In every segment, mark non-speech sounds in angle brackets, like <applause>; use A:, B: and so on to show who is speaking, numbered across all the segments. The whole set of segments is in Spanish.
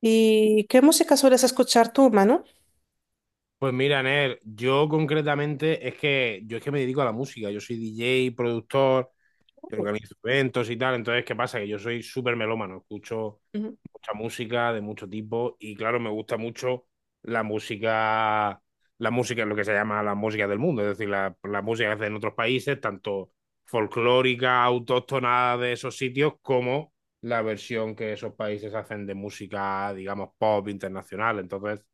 A: ¿Y qué música sueles escuchar tú, Manu?
B: Pues mira, Ner, yo concretamente es que yo es que me dedico a la música, yo soy DJ, productor, yo organizo eventos y tal. Entonces, ¿qué pasa? Que yo soy súper melómano, escucho
A: Ujú.
B: mucha música de mucho tipo y claro, me gusta mucho la música, la música, lo que se llama la música del mundo, es decir, la música que hacen en otros países, tanto folclórica, autóctona de esos sitios, como la versión que esos países hacen de música, digamos, pop internacional. Entonces,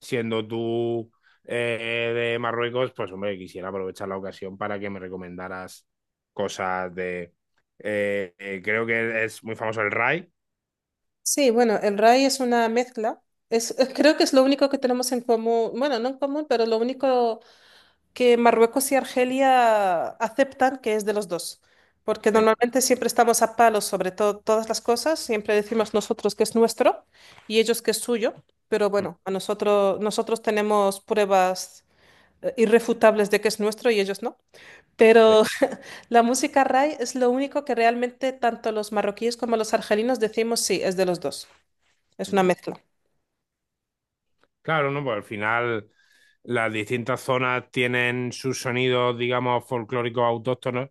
B: siendo tú de Marruecos, pues hombre, quisiera aprovechar la ocasión para que me recomendaras cosas de... creo que es muy famoso el Rai.
A: Sí, bueno, el Rai es una mezcla. Es, <laughs> creo que es lo único que tenemos en común, bueno, no en común, pero lo único que Marruecos y Argelia aceptan que es de los dos. Porque
B: Sí,
A: normalmente siempre estamos a palos sobre todas las cosas, siempre decimos nosotros que es nuestro y ellos que es suyo, pero
B: mm,
A: bueno, a nosotros, nosotros tenemos pruebas irrefutables de que es nuestro y ellos no.
B: sí.
A: Pero la música ray es lo único que realmente tanto los marroquíes como los argelinos decimos sí, es de los dos. Es una
B: Mm.
A: mezcla.
B: Claro, ¿no? Pues al final las distintas zonas tienen sus sonidos, digamos, folclóricos autóctonos,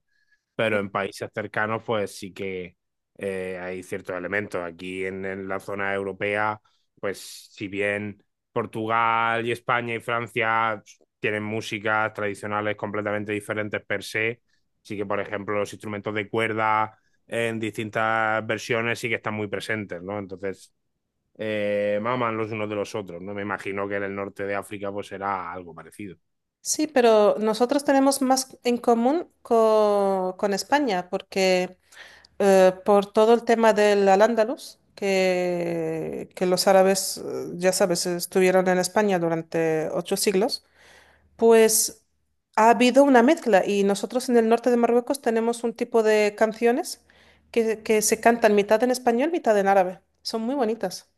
B: pero en países cercanos, pues sí que hay ciertos elementos. Aquí en la zona europea, pues si bien Portugal y España y Francia tienen músicas tradicionales completamente diferentes per se, sí que, por ejemplo, los instrumentos de cuerda en distintas versiones sí que están muy presentes, ¿no? Entonces, maman los unos de los otros, ¿no? Me imagino que en el norte de África pues será algo parecido.
A: Sí, pero nosotros tenemos más en común con España, porque por todo el tema del al-Ándalus, que, los árabes, ya sabes, estuvieron en España durante ocho siglos. Pues ha habido una mezcla y nosotros en el norte de Marruecos tenemos un tipo de canciones que, se cantan mitad en español, mitad en árabe. Son muy bonitas.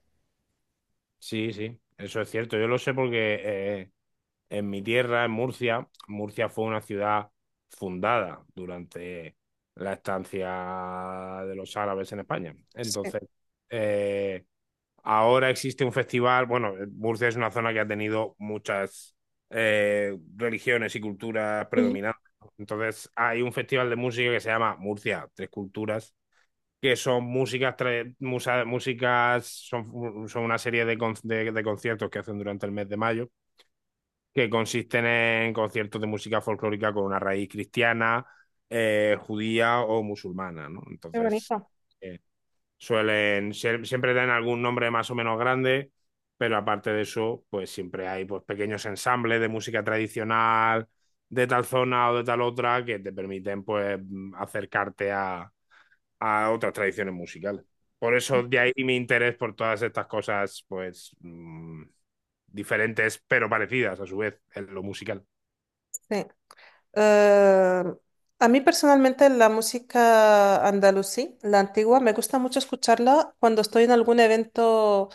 B: Sí, sí, eso es cierto. Yo lo sé porque en mi tierra, en Murcia, Murcia fue una ciudad fundada durante la estancia de los árabes en España.
A: Sí.
B: Entonces, eh, ahora existe un festival. Bueno, Murcia es una zona que ha tenido muchas religiones y culturas
A: Ujú.
B: predominantes. Entonces, hay un festival de música que se llama Murcia Tres Culturas que son músicas, tra- musa, músicas son, son, una serie de conciertos que hacen durante el mes de mayo, que consisten en conciertos de música folclórica con una raíz cristiana, judía o musulmana, ¿no?
A: Muy
B: Entonces,
A: bonito.
B: eh, siempre dan algún nombre más o menos grande, pero aparte de eso, pues siempre hay pues, pequeños ensambles de música tradicional de tal zona o de tal otra que te permiten pues acercarte a otras tradiciones musicales. Por eso de ahí mi interés por todas estas cosas, pues diferentes pero parecidas a su vez en lo musical.
A: Sí. Eh, a mí personalmente la música andalusí, la antigua, me gusta mucho escucharla cuando estoy en algún evento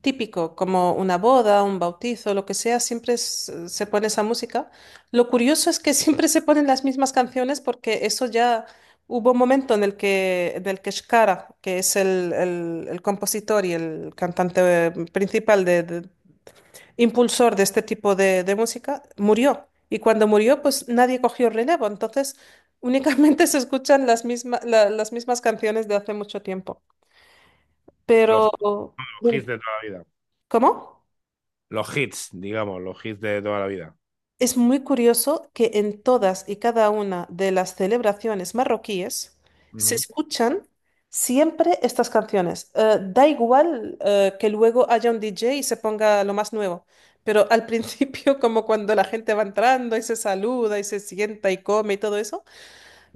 A: típico, como una boda, un bautizo, lo que sea, siempre se pone esa música. Lo curioso es que siempre se ponen las mismas canciones porque eso ya hubo un momento en el que, Shkara, que es el, el compositor y el cantante principal, impulsor de este tipo de, música, murió. Y cuando murió, pues nadie cogió relevo. Entonces, únicamente <laughs> se escuchan las las mismas canciones de hace mucho tiempo.
B: Los,
A: Pero,
B: los hits
A: dime,
B: de toda la vida.
A: ¿cómo?
B: Los hits, digamos, los hits de toda la vida.
A: Es muy curioso que en todas y cada una de las celebraciones marroquíes se escuchan siempre estas canciones. Da igual que luego haya un DJ y se ponga lo más nuevo, pero al principio, <laughs> como cuando la gente va entrando y se saluda y se sienta y come y todo eso,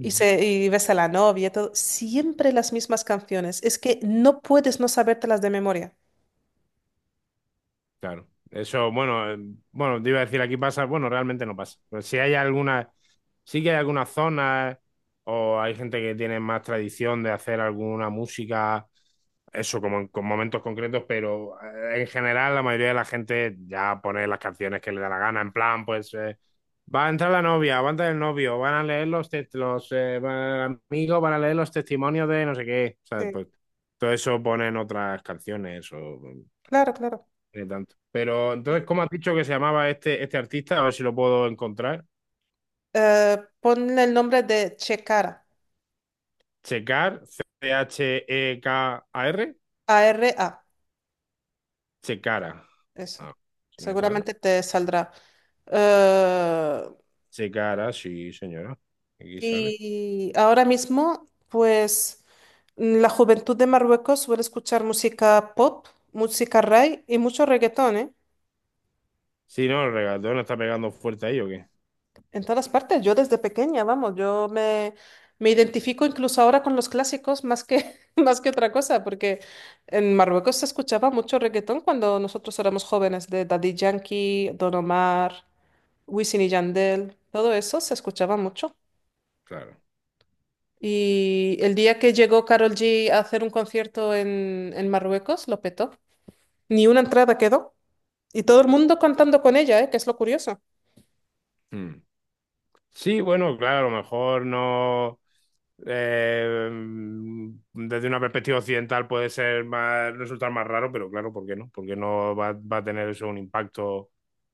A: y ves a la novia y todo, siempre las mismas canciones. Es que no puedes no sabértelas de memoria.
B: Claro. Eso, bueno, bueno, te iba a decir, aquí pasa, bueno, realmente no pasa. Pero si hay alguna, sí que hay algunas zonas o hay gente que tiene más tradición de hacer alguna música, eso como en con momentos concretos, pero en general la mayoría de la gente ya pone las canciones que le da la gana, en plan, pues va a entrar la novia, va a entrar el novio, van a leer los amigos, van a leer los testimonios de no sé qué, ¿sabes?
A: Sí,
B: Pues todo eso ponen otras canciones o...
A: claro, claro.
B: Ni tanto. Pero entonces, ¿cómo has dicho que se llamaba este artista? A ver si lo puedo encontrar.
A: Ponle el nombre de Chekara,
B: Checar, C-H-E-K-A-R,
A: A-R-A.
B: Checara.
A: Eso.
B: Ah, si me sale.
A: Seguramente te saldrá. Eh,
B: Checara, sí, señora. Aquí sale.
A: y ahora mismo, pues la juventud de Marruecos suele escuchar música pop, música ray y mucho reggaetón, ¿eh?
B: Sí, no, el regatón está pegando fuerte ahí, ¿o qué?
A: En todas partes. Yo desde pequeña, vamos, me identifico incluso ahora con los clásicos más que, <laughs> más que otra cosa, porque en Marruecos se escuchaba mucho reggaetón cuando nosotros éramos jóvenes, de Daddy Yankee, Don Omar, Wisin y Yandel, todo eso se escuchaba mucho.
B: Claro.
A: Y el día que llegó Carol G a hacer un concierto en, Marruecos, lo petó. Ni una entrada quedó. Y todo el mundo cantando con ella, ¿eh? Que es lo curioso.
B: Hmm. Sí, bueno, claro, a lo mejor no. eh, Desde una perspectiva occidental puede ser más, resultar más raro, pero claro, ¿por qué no? Porque no va a tener eso un impacto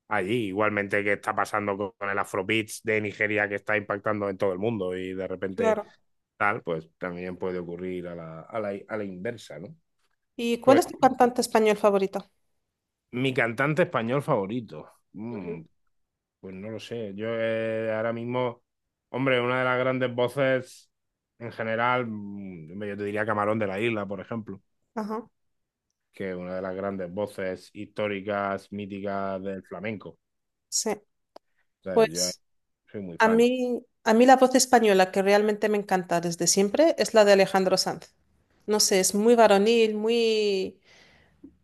B: allí, igualmente que está pasando con el Afrobeats de Nigeria que está impactando en todo el mundo y de repente
A: Claro.
B: tal, pues también puede ocurrir a la inversa, ¿no?
A: ¿Y cuál
B: Pues
A: es tu cantante español favorito?
B: mi cantante español favorito.
A: Ujú.
B: mm, Pues no lo sé. Yo ahora mismo, hombre, una de las grandes voces en general, hombre, yo te diría Camarón de la Isla, por ejemplo,
A: Ajá,
B: que es una de las grandes voces históricas, míticas del flamenco. O
A: sí.
B: sea, yo
A: Pues
B: soy muy fan.
A: a mí la voz española que realmente me encanta desde siempre es la de Alejandro Sanz. No sé, es muy varonil, muy,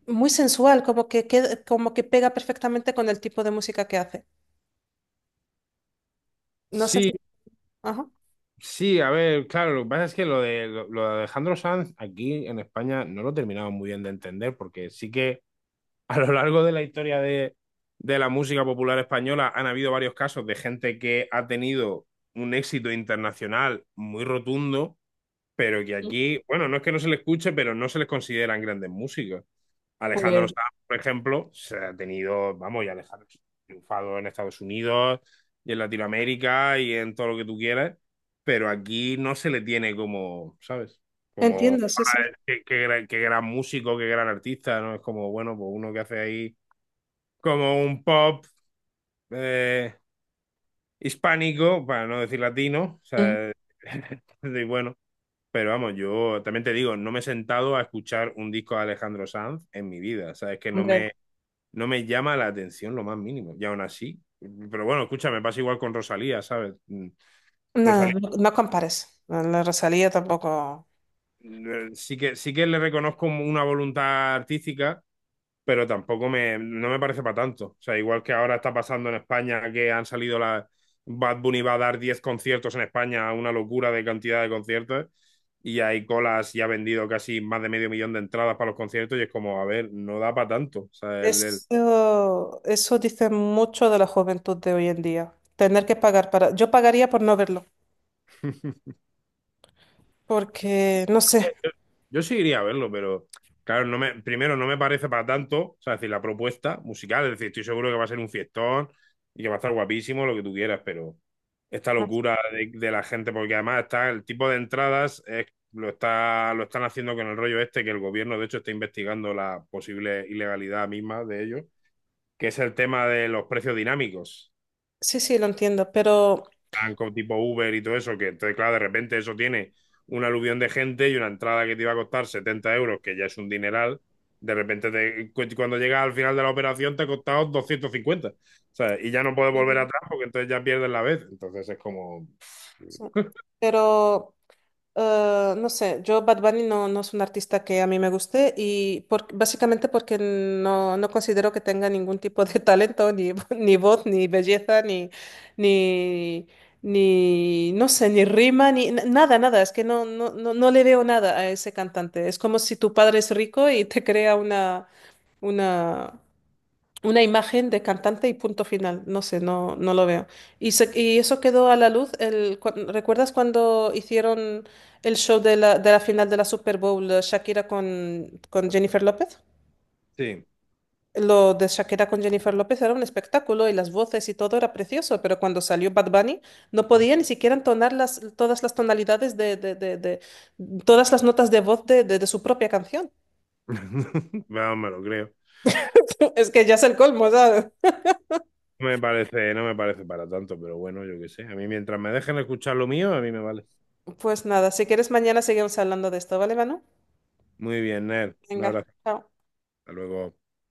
A: muy sensual, como que, como que pega perfectamente con el tipo de música que hace. No sé
B: Sí,
A: si... Ajá.
B: sí, a ver, claro, lo que pasa es que lo de, lo de Alejandro Sanz aquí en España no lo terminamos muy bien de entender, porque sí que a lo largo de la historia de la música popular española han habido varios casos de gente que ha tenido un éxito internacional muy rotundo, pero que
A: Sí.
B: aquí, bueno, no es que no se le escuche, pero no se les consideran grandes músicos. Alejandro
A: Pues,
B: Sanz, por ejemplo, se ha tenido, vamos, y Alejandro ha triunfado en Estados Unidos y en Latinoamérica y en todo lo que tú quieras, pero aquí no se le tiene como, ¿sabes? Como
A: entiendo, sí, sí.
B: qué, qué gran músico, qué gran artista, ¿no? Es como, bueno, pues uno que hace ahí como un pop eh, hispánico, para no decir latino, o
A: Mm,
B: sea, <laughs> y bueno, pero vamos, yo también te digo, no me he sentado a escuchar un disco de Alejandro Sanz en mi vida, o sea, es que no
A: hombre,
B: me, no me llama la atención lo más mínimo, y aún así, pero bueno, escucha, me pasa igual con Rosalía, ¿sabes?
A: nada,
B: Rosalía,
A: no, no compares. La Rosalía tampoco.
B: sí que le reconozco una voluntad artística pero tampoco me, no me parece para tanto. O sea, igual que ahora está pasando en España que han salido la Bad Bunny va a dar 10 conciertos en España, una locura de cantidad de conciertos, y hay colas y ha vendido casi más de medio millón de entradas para los conciertos, y es como, a ver, no da para tanto. O sea, el-
A: Eso dice mucho de la juventud de hoy en día. Tener que pagar para... Yo pagaría por no verlo, porque no sé.
B: Yo sí iría a verlo, pero claro, no me, primero no me parece para tanto, o sea, es decir, la propuesta musical, es decir, estoy seguro que va a ser un fiestón y que va a estar guapísimo, lo que tú quieras, pero esta locura de la gente, porque además está el tipo de entradas, es- lo está, lo están haciendo con el rollo este, que el gobierno de hecho está investigando la posible ilegalidad misma de ello, que es el tema de los precios dinámicos
A: Sí, sí, lo entiendo, pero...
B: banco tipo Uber y todo eso, que entonces, claro, de repente eso tiene un aluvión de gente y una entrada que te iba a costar 70 euros, que ya es un dineral, de repente te- cuando llegas al final de la operación te ha costado 250, ¿sabes? Y ya no puedes volver atrás porque entonces ya pierdes la vez. Entonces es como,
A: Pero no sé, yo Bad Bunny no, no es un artista que a mí me guste básicamente porque no, no considero que tenga ningún tipo de talento, ni, <laughs> ni voz, ni belleza, ni, ni, ni, no sé, ni rima, ni n- nada, nada. Es que no, no le veo nada a ese cantante. Es como si tu padre es rico y te crea una, una, una imagen de cantante y punto final. No sé, no, no lo veo. Y, y eso quedó a la luz. ¿Recuerdas cuando hicieron el show de la, final de la Super Bowl, Shakira con, Jennifer López?
B: sí,
A: Lo de Shakira con Jennifer López era un espectáculo y las voces y todo era precioso, pero cuando salió Bad Bunny no podía ni siquiera entonar las, todas las tonalidades todas las notas de voz de su propia canción.
B: <laughs> vamos, me lo creo.
A: <laughs> Es que ya es el colmo, ¿sabes?
B: No me parece, no me parece para tanto, pero bueno, yo qué sé. A mí mientras me dejen escuchar lo mío, a mí me vale.
A: Pues nada, si quieres mañana seguimos hablando de esto, ¿vale, Manu?
B: Muy bien, Ner. Un
A: Venga,
B: abrazo.
A: chao.
B: Hasta luego.